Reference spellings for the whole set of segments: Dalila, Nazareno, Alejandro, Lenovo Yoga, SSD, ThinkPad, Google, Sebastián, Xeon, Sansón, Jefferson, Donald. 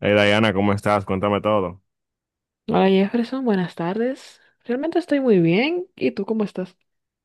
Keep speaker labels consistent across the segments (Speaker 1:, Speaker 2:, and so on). Speaker 1: Hey Diana, ¿cómo estás? Cuéntame todo.
Speaker 2: Hola Jefferson, buenas tardes. Realmente estoy muy bien. ¿Y tú cómo estás?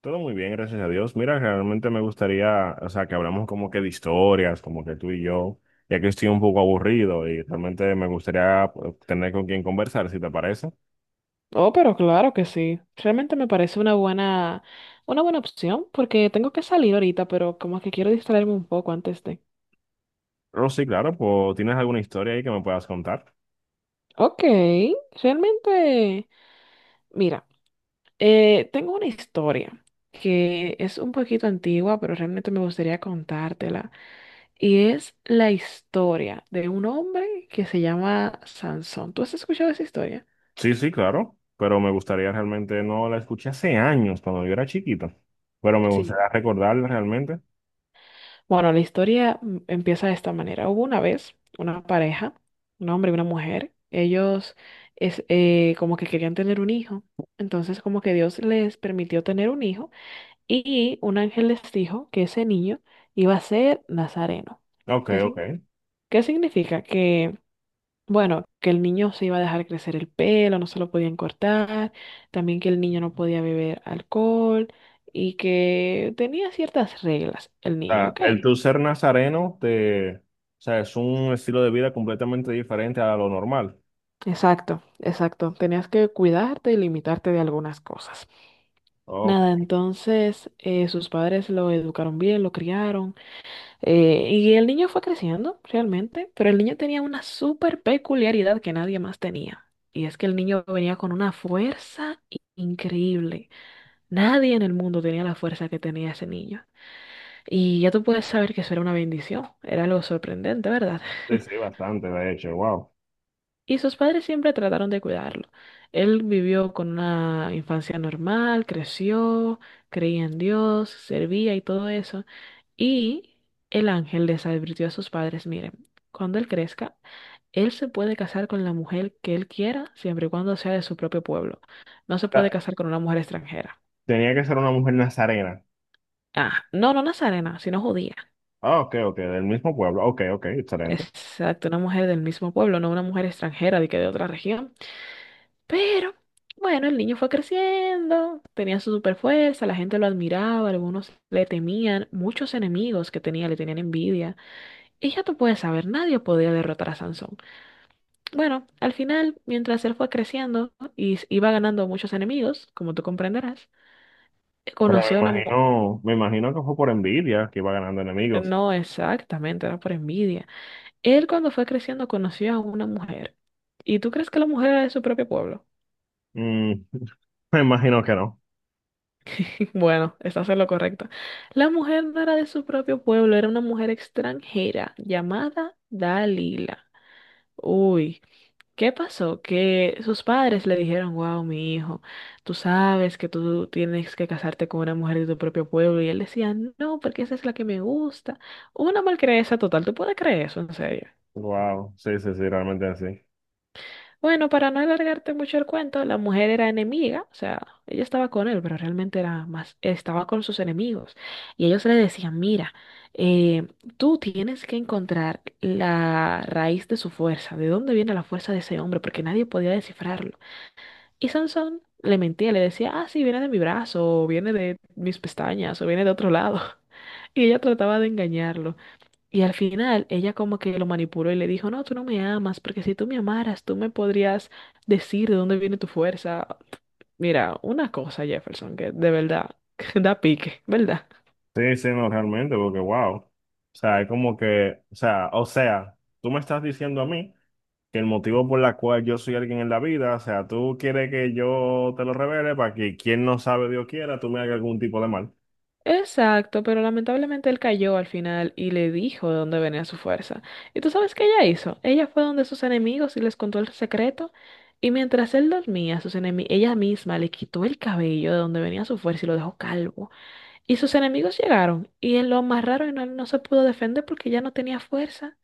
Speaker 1: Todo muy bien, gracias a Dios. Mira, realmente me gustaría, o sea, que hablamos como que de historias, como que tú y yo, ya que estoy un poco aburrido y realmente me gustaría pues, tener con quien conversar, si te parece.
Speaker 2: Oh, pero claro que sí. Realmente me parece una buena opción porque tengo que salir ahorita, pero como que quiero distraerme un poco antes de...
Speaker 1: Pero sí, claro, pues ¿tienes alguna historia ahí que me puedas contar?
Speaker 2: Ok, realmente, mira, tengo una historia que es un poquito antigua, pero realmente me gustaría contártela. Y es la historia de un hombre que se llama Sansón. ¿Tú has escuchado esa historia?
Speaker 1: Sí, sí, claro, pero me gustaría realmente, no la escuché hace años, cuando yo era chiquito, pero me
Speaker 2: Sí.
Speaker 1: gustaría recordarla realmente.
Speaker 2: Bueno, la historia empieza de esta manera. Hubo una vez una pareja, un hombre y una mujer. Ellos como que querían tener un hijo. Entonces como que Dios les permitió tener un hijo y un ángel les dijo que ese niño iba a ser Nazareno.
Speaker 1: Ok,
Speaker 2: ¿Qué,
Speaker 1: ok.
Speaker 2: sin- Qué significa? Que, bueno, que el niño se iba a dejar crecer el pelo, no se lo podían cortar, también que el niño no podía beber alcohol y que tenía ciertas reglas el niño,
Speaker 1: sea,
Speaker 2: ¿ok?
Speaker 1: el tú ser nazareno te, o sea, es un estilo de vida completamente diferente a lo normal.
Speaker 2: Exacto, exacto. Tenías que cuidarte y limitarte de algunas cosas.
Speaker 1: Ok,
Speaker 2: Nada, entonces sus padres lo educaron bien, lo criaron y el niño fue creciendo realmente, pero el niño tenía una súper peculiaridad que nadie más tenía. Y es que el niño venía con una increíble. Nadie en el mundo tenía la fuerza que tenía ese niño. Y ya tú puedes saber que eso era una bendición. Era algo sorprendente, ¿verdad?
Speaker 1: sí, sí, bastante, de hecho, wow. O
Speaker 2: Y sus padres siempre trataron de cuidarlo. Él vivió con una infancia normal, creció, creía en Dios, servía y todo eso. Y el ángel les advirtió a sus padres, miren, cuando él crezca, él se puede casar con la mujer que él quiera, siempre y cuando sea de su propio pueblo. No se puede
Speaker 1: sea,
Speaker 2: casar con una mujer extranjera.
Speaker 1: tenía que ser una mujer nazarena.
Speaker 2: Ah, no, no nazarena, sino judía.
Speaker 1: Ah, ok, ok, del mismo pueblo. Ok, ok, excelente.
Speaker 2: Exacto, una mujer del mismo pueblo, no una mujer extranjera de que de otra región. Pero, bueno, el niño fue creciendo, tenía su super fuerza, la gente lo admiraba, algunos le temían, muchos enemigos que tenía le tenían envidia. Y ya tú puedes saber, nadie podía derrotar a Sansón. Bueno, al final, mientras él fue creciendo y iba ganando muchos enemigos, como tú comprenderás,
Speaker 1: Pero
Speaker 2: conoció a una mujer.
Speaker 1: me imagino que fue por envidia que iba ganando enemigos.
Speaker 2: No exactamente, era por envidia. Él cuando fue creciendo conoció a una mujer. ¿Y tú crees que la mujer era de su propio pueblo?
Speaker 1: Mm, me imagino que no.
Speaker 2: Bueno, estás en lo correcto. La mujer no era de su propio pueblo, era una mujer extranjera llamada Dalila. Uy, ¿qué pasó? Que sus padres le dijeron, wow, mi hijo, tú sabes que tú tienes que casarte con una mujer de tu propio pueblo. Y él decía, no, porque esa es la que me gusta. Una malcrianza total, ¿tú puedes creer eso en serio?
Speaker 1: Wow, sí, sí, sí, realmente así.
Speaker 2: Bueno, para no alargarte mucho el cuento, la mujer era enemiga, o sea, ella estaba con él, pero realmente era más, estaba con sus enemigos. Y ellos le decían, mira, eh, tú tienes que encontrar la raíz de su fuerza, de dónde viene la fuerza de ese hombre, porque nadie podía descifrarlo. Y Sansón le mentía, le decía, ah, sí, viene de mi brazo, o viene de mis pestañas, o viene de otro lado. Y ella trataba de engañarlo. Y al final ella como que lo manipuló y le dijo, no, tú no me amas, porque si tú me amaras, tú me podrías decir de dónde viene tu fuerza. Mira, una cosa, Jefferson, que de verdad da pique, ¿verdad?
Speaker 1: Sí, sí, no, realmente, porque wow. O sea, es como que, o sea, tú me estás diciendo a mí. Que el motivo por la cual yo soy alguien en la vida, o sea, tú quieres que yo te lo revele para que quien no sabe, Dios quiera, tú me hagas algún tipo de mal.
Speaker 2: Exacto, pero lamentablemente él cayó al final y le dijo de dónde venía su fuerza. ¿Y tú sabes qué ella hizo? Ella fue donde sus enemigos y les contó el secreto. Y mientras él dormía, ella misma le quitó el cabello de donde venía su fuerza y lo dejó calvo. Y sus enemigos llegaron y él lo amarraron y no, no se pudo defender porque ya no tenía fuerza.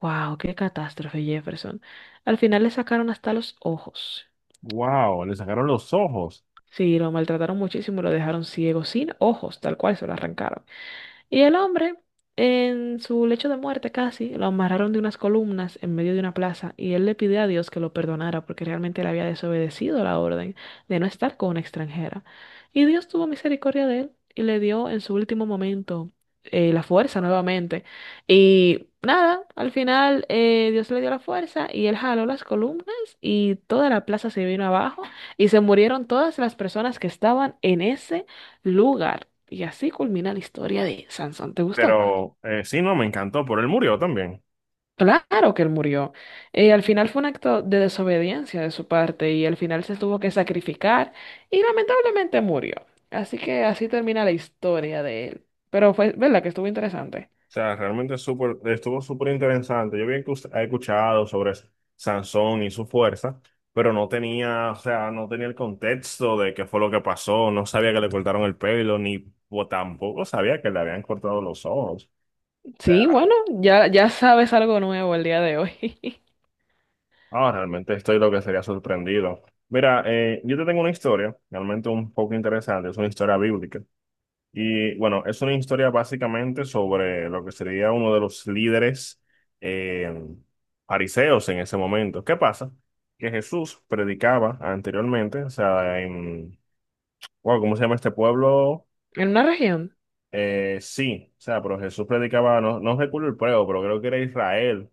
Speaker 2: ¡Wow! ¡Qué catástrofe, Jefferson! Al final le sacaron hasta los ojos.
Speaker 1: Wow, le sacaron los ojos.
Speaker 2: Sí, lo maltrataron muchísimo, lo dejaron ciego, sin ojos, tal cual se lo arrancaron. Y el hombre, en su lecho de muerte casi, lo amarraron de unas columnas en medio de una plaza y él le pidió a Dios que lo perdonara porque realmente él había desobedecido la orden de no estar con una extranjera. Y Dios tuvo misericordia de él y le dio en su último momento la fuerza nuevamente. Y nada, al final Dios le dio la fuerza y él jaló las columnas y toda la plaza se vino abajo y se murieron todas las personas que estaban en ese lugar. Y así culmina la historia de Sansón. ¿Te gustó?
Speaker 1: Pero sí, no, me encantó, pero él murió también.
Speaker 2: Claro que él murió. Al final fue un acto de desobediencia de su parte y al final se tuvo que sacrificar y lamentablemente murió. Así que así termina la historia de él. Pero fue, ¿verdad? Que estuvo interesante.
Speaker 1: O sea, realmente súper, estuvo súper interesante. Yo bien que us- he escuchado sobre Sansón y su fuerza, pero no tenía, o sea, no tenía el contexto de qué fue lo que pasó, no sabía que le cortaron el pelo, ni o tampoco sabía que le habían cortado los ojos.
Speaker 2: Sí, bueno, ya sabes algo nuevo el día de hoy.
Speaker 1: Ah, realmente estoy lo que sería sorprendido. Mira, yo te tengo una historia, realmente un poco interesante, es una historia bíblica. Y bueno, es una historia básicamente sobre lo que sería uno de los líderes eh, fariseos en ese momento. ¿Qué pasa? Que Jesús predicaba anteriormente, o sea, en, wow, ¿cómo se llama este pueblo?
Speaker 2: En una región.
Speaker 1: Sí, o sea, pero Jesús predicaba, no, no recuerdo el pueblo, pero creo que era Israel.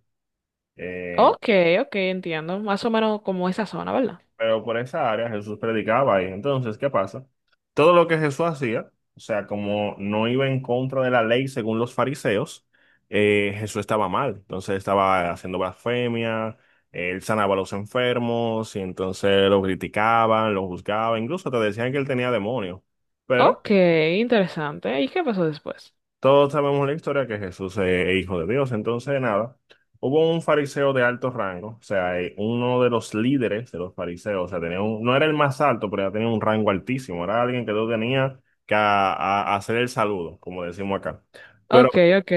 Speaker 1: Eh,
Speaker 2: Ok, ok, entiendo. Más o menos como esa zona, ¿verdad?
Speaker 1: Pero por esa área Jesús predicaba ahí. Entonces, ¿qué pasa? Todo lo que Jesús hacía, o sea, como no iba en contra de la ley según los fariseos, Jesús estaba mal. Entonces estaba haciendo blasfemia, él sanaba a los enfermos y entonces lo criticaban, lo juzgaban, incluso te decían que él tenía demonios. Pero
Speaker 2: Ok, interesante. ¿Y qué pasó después?
Speaker 1: todos sabemos la historia que Jesús es hijo de Dios. Entonces, nada, hubo un fariseo de alto rango, o sea, uno de los líderes de los fariseos, o sea, tenía un- no era el más alto, pero ya tenía un rango altísimo. Era alguien que no tenía que hacer el saludo, como decimos acá. Pero
Speaker 2: Ok, ok.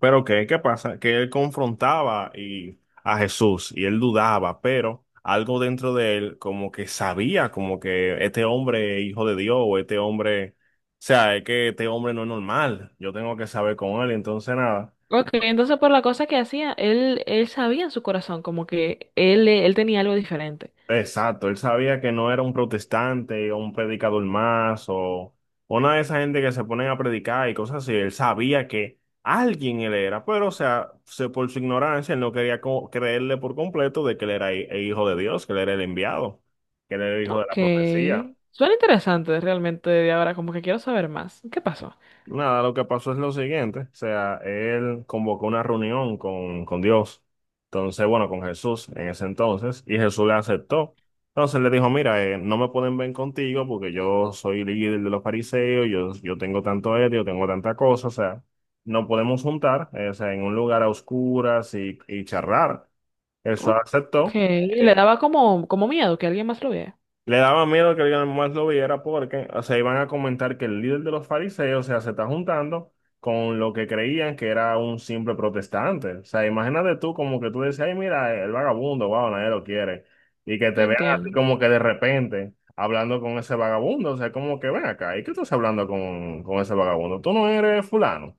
Speaker 1: pero ¿qué, qué pasa? Que él confrontaba y, a Jesús y él dudaba, pero algo dentro de él como que sabía, como que este hombre es hijo de Dios o este hombre, o sea, es que este hombre no es normal, yo tengo que saber con él, entonces nada.
Speaker 2: Ok, entonces por la cosa que hacía, él sabía en su corazón como que él tenía algo diferente.
Speaker 1: Exacto, él sabía que no era un protestante o un predicador más o una de esa gente que se ponen a predicar y cosas así. Él sabía que alguien él era, pero o sea, se, por su ignorancia él no quería co- creerle por completo de que él era hi- el hijo de Dios, que él era el enviado, que él era el hijo de
Speaker 2: Ok.
Speaker 1: la profecía.
Speaker 2: Suena interesante realmente de ahora, como que quiero saber más. ¿Qué pasó?
Speaker 1: Nada, lo que pasó es lo siguiente, o sea, él convocó una reunión con Dios, entonces, bueno, con Jesús en ese entonces, y Jesús le aceptó. Entonces le dijo, mira, no me pueden ver contigo porque yo soy líder de los fariseos, yo tengo tanto ético, tengo tanta cosa, o sea, no podemos juntar, o sea, en un lugar a oscuras y charlar. Jesús
Speaker 2: Ok,
Speaker 1: aceptó.
Speaker 2: le
Speaker 1: eh,
Speaker 2: daba como, como miedo que alguien más lo viera.
Speaker 1: le daba miedo que alguien más lo viera porque, o sea, iban a comentar que el líder de los fariseos, o sea, se está juntando con lo que creían que era un simple protestante. O sea, imagínate tú como que tú decías, ay, mira, el vagabundo, wow, nadie lo quiere. Y que te vean así
Speaker 2: Entiendo.
Speaker 1: como que de repente hablando con ese vagabundo, o sea, como que ven acá, ¿y qué tú estás hablando con ese vagabundo? Tú no eres fulano.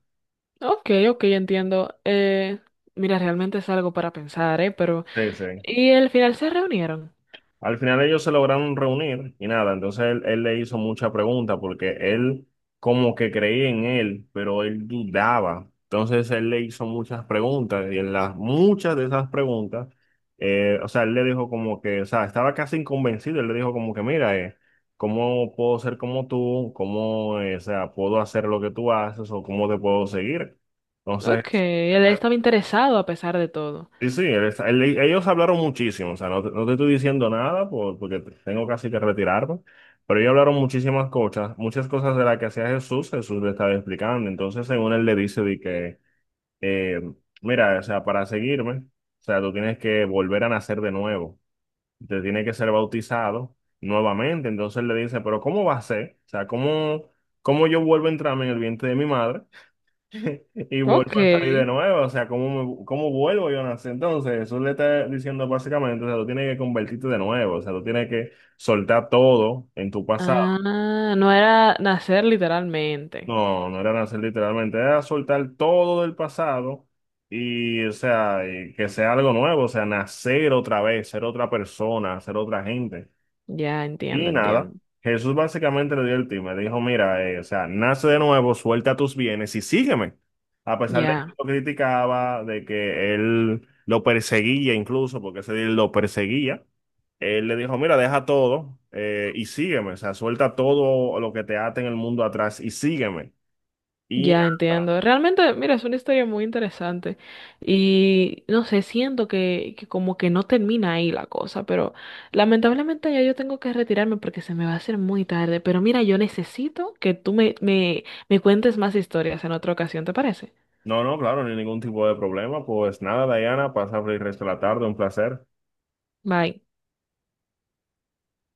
Speaker 2: Ok, ok, entiendo. Mira, realmente es algo para pensar, ¿eh? Pero...
Speaker 1: Sí, sí.
Speaker 2: ¿Y al final se reunieron?
Speaker 1: Al final ellos se lograron reunir y nada, entonces él le hizo mucha pregunta porque él como que creía en él, pero él dudaba. Entonces él le hizo muchas preguntas y en las muchas de esas preguntas, o sea, él le dijo como que, o sea, estaba casi inconvencido, él le dijo como que, mira, ¿cómo puedo ser como tú? ¿Cómo, o sea, puedo hacer lo que tú haces o cómo te puedo seguir?
Speaker 2: Ok,
Speaker 1: Entonces,
Speaker 2: él estaba interesado a pesar de todo.
Speaker 1: Sí, sí, ellos hablaron muchísimo, o sea, no te estoy diciendo nada porque tengo casi que retirarme, pero ellos hablaron muchísimas cosas, muchas cosas de las que hacía Jesús, Jesús le estaba explicando, entonces según él le dice de que, eh, mira, o sea, para seguirme, o sea, tú tienes que volver a nacer de nuevo, te tienes que ser bautizado nuevamente, entonces él le dice, pero ¿cómo va a ser? O sea, ¿cómo, cómo yo vuelvo a entrarme en el vientre de mi madre? Y
Speaker 2: Ok.
Speaker 1: vuelvo a salir de nuevo, o sea, ¿cómo, cómo vuelvo yo a nacer? Entonces, eso le está diciendo básicamente, o sea, tú tienes que convertirte de nuevo, o sea, tú tienes que soltar todo en tu pasado.
Speaker 2: Ah, no era nacer literalmente.
Speaker 1: No, no era nacer literalmente, era soltar todo del pasado y, o sea, y que sea algo nuevo, o sea, nacer otra vez, ser otra persona, ser otra gente.
Speaker 2: Ya
Speaker 1: Y
Speaker 2: entiendo,
Speaker 1: nada,
Speaker 2: entiendo.
Speaker 1: Jesús básicamente le dio el tip, me dijo, mira, o sea, nace de nuevo, suelta tus bienes y sígueme. A pesar de que
Speaker 2: Ya,
Speaker 1: lo criticaba, de que él lo perseguía incluso, porque ese día él lo perseguía, él le dijo, mira, deja todo y sígueme, o sea, suelta todo lo que te ate en el mundo atrás y sígueme. Y
Speaker 2: ya
Speaker 1: nada,
Speaker 2: entiendo. Realmente, mira, es una historia muy interesante. Y no sé, siento que como que no termina ahí la cosa, pero lamentablemente ya yo tengo que retirarme porque se me va a hacer muy tarde. Pero mira, yo necesito que tú me cuentes más historias en otra ocasión, ¿te parece?
Speaker 1: no, no, claro, ni ningún tipo de problema, pues nada, Diana, pasa el resto de la tarde, un placer.
Speaker 2: Bye.